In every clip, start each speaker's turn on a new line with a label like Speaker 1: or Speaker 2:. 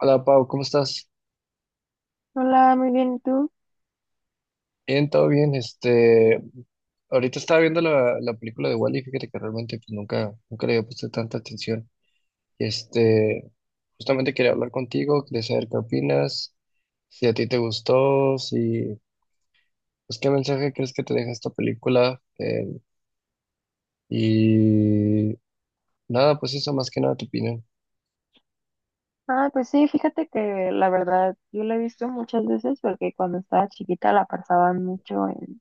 Speaker 1: Hola Pau, ¿cómo estás?
Speaker 2: Hola, muy bien, ¿y tú?
Speaker 1: Bien, todo bien. Ahorita estaba viendo la película de Wall-E. Fíjate que realmente pues, nunca le había puesto tanta atención. Este, Justamente quería hablar contigo, quería saber qué opinas, si a ti te gustó, si, pues qué mensaje crees que te deja esta película. Y nada, pues eso más que nada tu opinión.
Speaker 2: Ah, pues sí, fíjate que la verdad yo la he visto muchas veces porque cuando estaba chiquita la pasaban mucho en,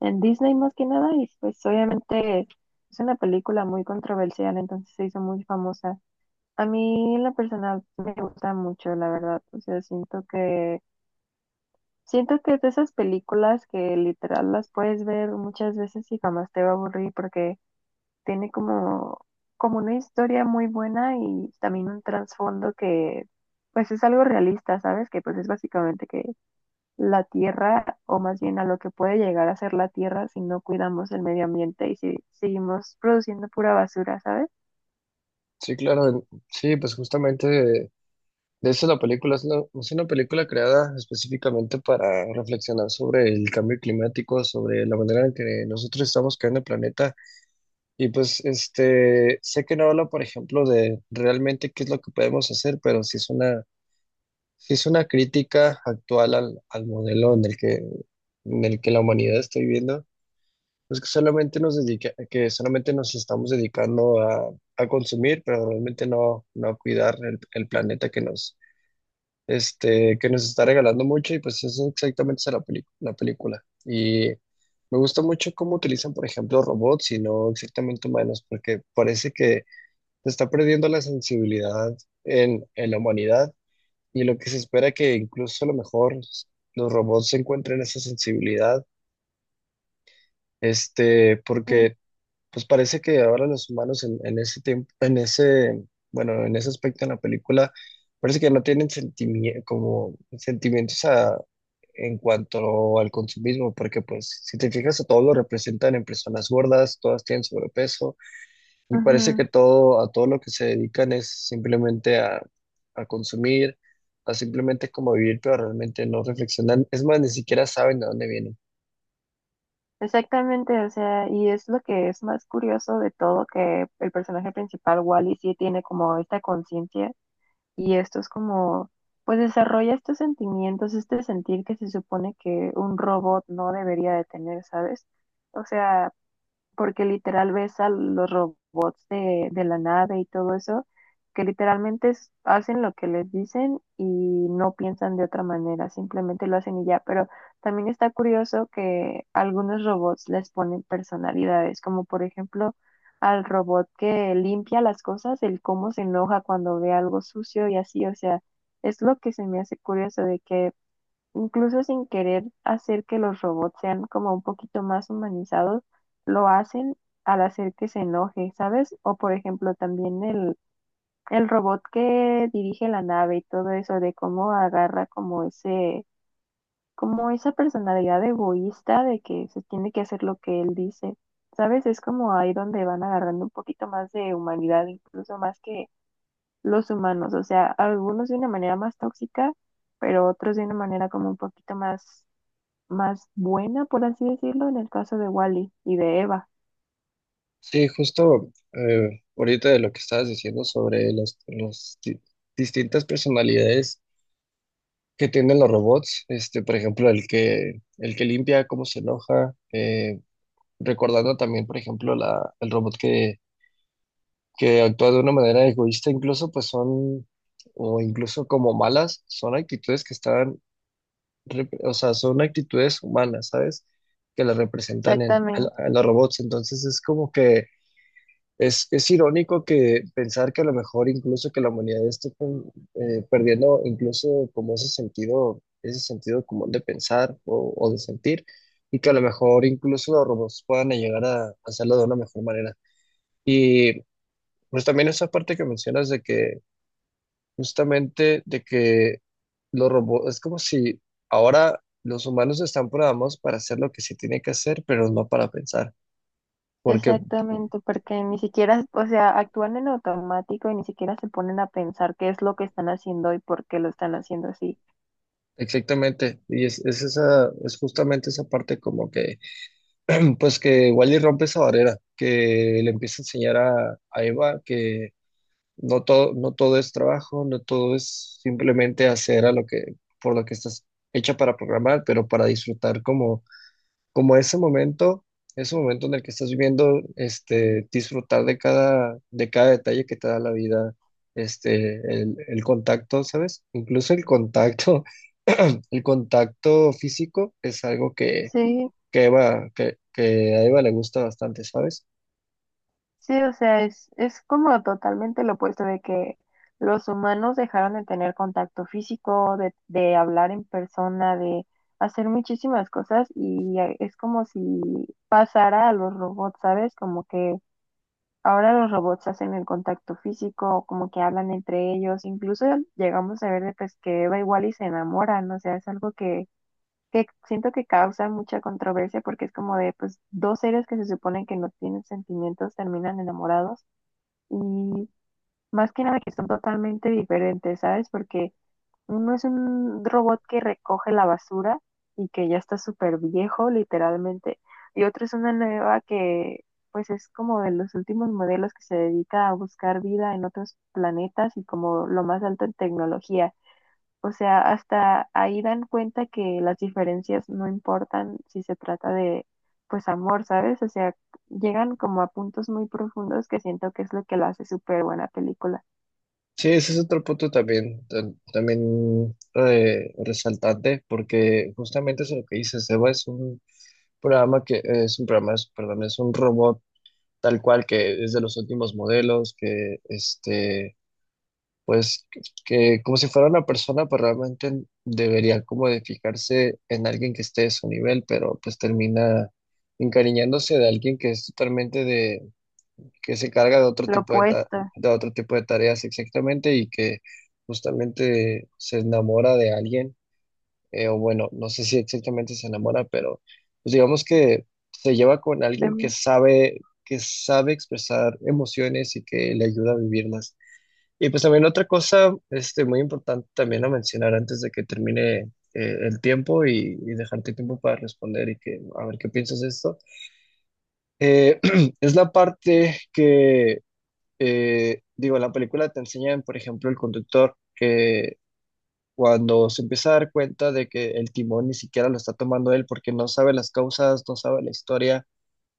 Speaker 2: en Disney más que nada y pues obviamente es una película muy controversial, entonces se hizo muy famosa. A mí en lo personal me gusta mucho, la verdad, o sea, siento que es de esas películas que literal las puedes ver muchas veces y jamás te va a aburrir porque tiene como una historia muy buena y también un trasfondo que pues es algo realista, ¿sabes? Que pues es básicamente que la tierra, o más bien a lo que puede llegar a ser la tierra si no cuidamos el medio ambiente y si seguimos produciendo pura basura, ¿sabes?
Speaker 1: Sí, claro, sí, pues justamente de hecho, la película es es una película creada específicamente para reflexionar sobre el cambio climático, sobre la manera en que nosotros estamos creando el planeta. Y pues, sé que no habla, por ejemplo, de realmente qué es lo que podemos hacer, pero sí es sí es una crítica actual al modelo en el en el que la humanidad está viviendo. Que solamente nos estamos dedicando a consumir, pero realmente no a cuidar el planeta que que nos está regalando mucho. Y pues eso exactamente es la película. Y me gusta mucho cómo utilizan, por ejemplo, robots y no exactamente humanos, porque parece que se está perdiendo la sensibilidad en la humanidad, y lo que se espera que incluso a lo mejor los robots encuentren esa sensibilidad,
Speaker 2: Mm.
Speaker 1: porque pues parece que ahora los humanos en ese tiempo, en ese, bueno, en ese aspecto en la película, parece que no tienen como sentimientos en cuanto al consumismo, porque pues si te fijas a todos lo representan en personas gordas, todas tienen sobrepeso, y parece
Speaker 2: Ujú.
Speaker 1: que a todo lo que se dedican es simplemente a consumir, a simplemente como vivir, pero realmente no reflexionan. Es más, ni siquiera saben de dónde vienen.
Speaker 2: Exactamente, o sea, y es lo que es más curioso de todo, que el personaje principal, Wally, sí tiene como esta conciencia y esto es como, pues desarrolla estos sentimientos, este sentir que se supone que un robot no debería de tener, ¿sabes? O sea, porque literal ves a los robots de la nave y todo eso, que literalmente hacen lo que les dicen y no piensan de otra manera, simplemente lo hacen y ya. Pero también está curioso que algunos robots les ponen personalidades, como por ejemplo al robot que limpia las cosas, el cómo se enoja cuando ve algo sucio y así, o sea, es lo que se me hace curioso de que incluso sin querer hacer que los robots sean como un poquito más humanizados, lo hacen al hacer que se enoje, ¿sabes? O por ejemplo también el robot que dirige la nave y todo eso, de cómo agarra como como esa personalidad egoísta de que se tiene que hacer lo que él dice. ¿Sabes? Es como ahí donde van agarrando un poquito más de humanidad, incluso más que los humanos. O sea, algunos de una manera más tóxica, pero otros de una manera como un poquito más buena, por así decirlo, en el caso de Wally y de Eva.
Speaker 1: Sí, justo ahorita de lo que estabas diciendo sobre las distintas personalidades que tienen los robots, este, por ejemplo, el que limpia, cómo se enoja, recordando también, por ejemplo, el robot que actúa de una manera egoísta, incluso, pues son, o incluso como malas, son actitudes que están, o sea, son actitudes humanas, ¿sabes? Que las representan
Speaker 2: Exactamente,
Speaker 1: a los robots, entonces es como que es irónico que pensar que a lo mejor incluso que la humanidad esté perdiendo incluso como ese sentido común de pensar o de sentir, y que a lo mejor incluso los robots puedan llegar a hacerlo de una mejor manera. Y pues también esa parte que mencionas de que justamente de que los robots, es como si ahora los humanos están programados para hacer lo que se tiene que hacer, pero no para pensar. Porque
Speaker 2: porque ni siquiera, o sea, actúan en automático y ni siquiera se ponen a pensar qué es lo que están haciendo y por qué lo están haciendo así.
Speaker 1: exactamente, y es esa, es justamente esa parte como que, pues que Wally rompe esa barrera, que le empieza a enseñar a Eva que no todo es trabajo, no todo es simplemente hacer a lo que, por lo que estás hecha para programar, pero para disfrutar como como ese momento en el que estás viviendo, este, disfrutar de cada detalle que te da la vida, este, el contacto, ¿sabes? Incluso el contacto, el contacto físico es algo
Speaker 2: Sí,
Speaker 1: que Eva, que a Eva le gusta bastante, ¿sabes?
Speaker 2: sí, o sea, es como totalmente lo opuesto de que los humanos dejaron de tener contacto físico, de hablar en persona, de hacer muchísimas cosas y es como si pasara a los robots, ¿sabes? Como que ahora los robots hacen el contacto físico, como que hablan entre ellos, incluso llegamos a ver de, pues que Eva igual y se enamoran, o sea, es algo que siento que causa mucha controversia porque es como de pues dos seres que se suponen que no tienen sentimientos terminan enamorados y más que nada que son totalmente diferentes, ¿sabes? Porque uno es un robot que recoge la basura y que ya está súper viejo, literalmente. Y otro es una nueva que, pues, es como de los últimos modelos que se dedica a buscar vida en otros planetas y como lo más alto en tecnología. O sea, hasta ahí dan cuenta que las diferencias no importan si se trata de, pues, amor, ¿sabes? O sea, llegan como a puntos muy profundos que siento que es lo que lo hace súper buena película.
Speaker 1: Sí, ese es otro punto también, también resaltante, porque justamente es lo que dices. Eva es un programa es un programa, perdón, es un robot tal cual, que es de los últimos modelos, que este, pues que como si fuera una persona, pues realmente debería como de fijarse en alguien que esté de su nivel, pero pues termina encariñándose de alguien que es totalmente que se carga de otro
Speaker 2: Lo
Speaker 1: tipo
Speaker 2: opuesto
Speaker 1: de otro tipo de tareas exactamente, y que justamente se enamora de alguien o bueno, no sé si exactamente se enamora, pero pues digamos que se lleva con
Speaker 2: de...
Speaker 1: alguien que sabe expresar emociones y que le ayuda a vivirlas. Y pues también otra cosa, este, muy importante también a mencionar antes de que termine el tiempo y dejarte tiempo para responder y que a ver qué piensas de esto. eh, es la parte que, digo, la película te enseña por ejemplo, el conductor que cuando se empieza a dar cuenta de que el timón ni siquiera lo está tomando él porque no sabe las causas, no sabe la historia,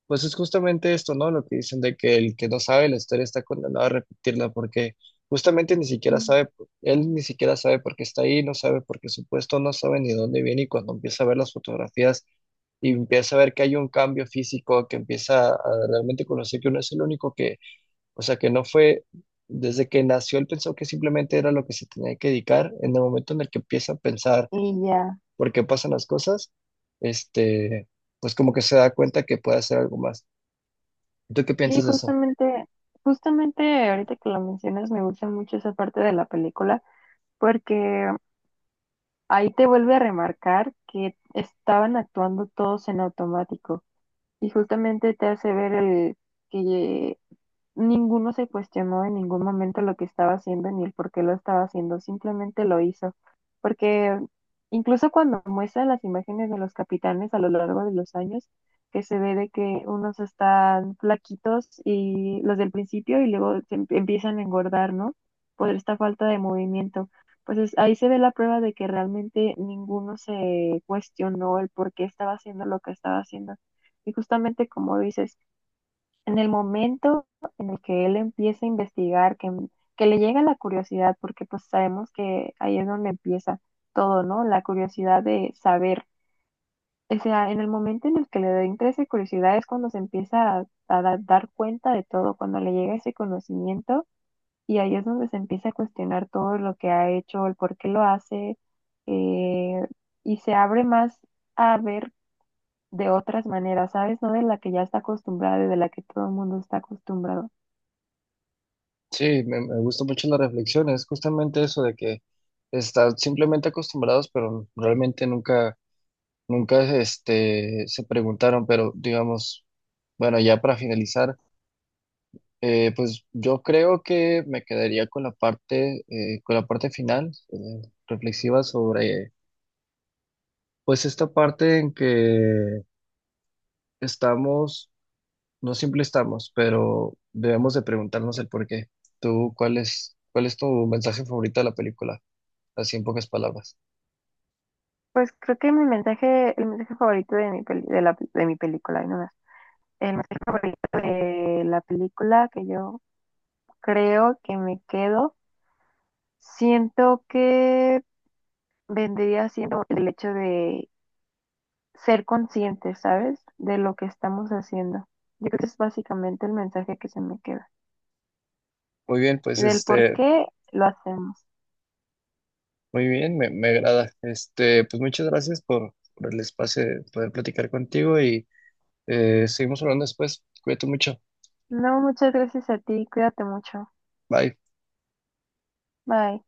Speaker 1: pues es justamente esto, ¿no? Lo que dicen de que el que no sabe la historia está condenado a repetirla, porque justamente ni siquiera sabe, él ni siquiera sabe por qué está ahí, no sabe por qué su puesto, no sabe ni dónde viene, y cuando empieza a ver las fotografías y empieza a ver que hay un cambio físico, que empieza a realmente conocer que no es el único que, o sea que no fue, desde que nació él pensó que simplemente era lo que se tenía que dedicar. En el momento en el que empieza a pensar
Speaker 2: Y ya.
Speaker 1: por qué pasan las cosas, este, pues como que se da cuenta que puede hacer algo más. ¿Tú qué
Speaker 2: Sí,
Speaker 1: piensas de eso?
Speaker 2: justamente ahorita que lo mencionas, me gusta mucho esa parte de la película, porque ahí te vuelve a remarcar que estaban actuando todos en automático y justamente te hace ver el que ninguno se cuestionó en ningún momento lo que estaba haciendo ni el por qué lo estaba haciendo, simplemente lo hizo. Porque incluso cuando muestran las imágenes de los capitanes a lo largo de los años, que se ve de que unos están flaquitos y los del principio y luego empiezan a engordar, ¿no? Por esta falta de movimiento. Pues ahí se ve la prueba de que realmente ninguno se cuestionó el por qué estaba haciendo lo que estaba haciendo. Y justamente como dices, en el momento en el que él empieza a investigar, que le llega la curiosidad, porque pues sabemos que ahí es donde empieza todo, ¿no? La curiosidad de saber. O sea, en el momento en el que le da interés y curiosidad es cuando se empieza a dar cuenta de todo, cuando le llega ese conocimiento y ahí es donde se empieza a cuestionar todo lo que ha hecho, el por qué lo hace eh, y se abre más a ver de otras maneras, ¿sabes? No de la que ya está acostumbrada y de la que todo el mundo está acostumbrado.
Speaker 1: Sí, me gusta mucho la reflexión, es justamente eso de que están simplemente acostumbrados, pero realmente nunca, se preguntaron, pero digamos, bueno, ya para finalizar. Pues yo creo que me quedaría con la parte final, reflexiva sobre, pues esta parte en que estamos, no siempre estamos, pero debemos de preguntarnos el por qué. ¿Tú cuál es tu mensaje favorito de la película? Así en pocas palabras.
Speaker 2: Pues creo que el mensaje favorito de mi peli- de la, de mi película, ay, no. El mensaje favorito de la película que yo creo que me quedo, siento que vendría siendo el hecho de ser conscientes, ¿sabes? De lo que estamos haciendo. Yo creo que es básicamente el mensaje que se me queda,
Speaker 1: Muy bien, pues
Speaker 2: del por
Speaker 1: este,
Speaker 2: qué lo hacemos.
Speaker 1: muy bien, me agrada. Este, pues muchas gracias por el espacio de poder platicar contigo y seguimos hablando después. Cuídate mucho.
Speaker 2: No, muchas gracias a ti, cuídate mucho.
Speaker 1: Bye.
Speaker 2: Bye.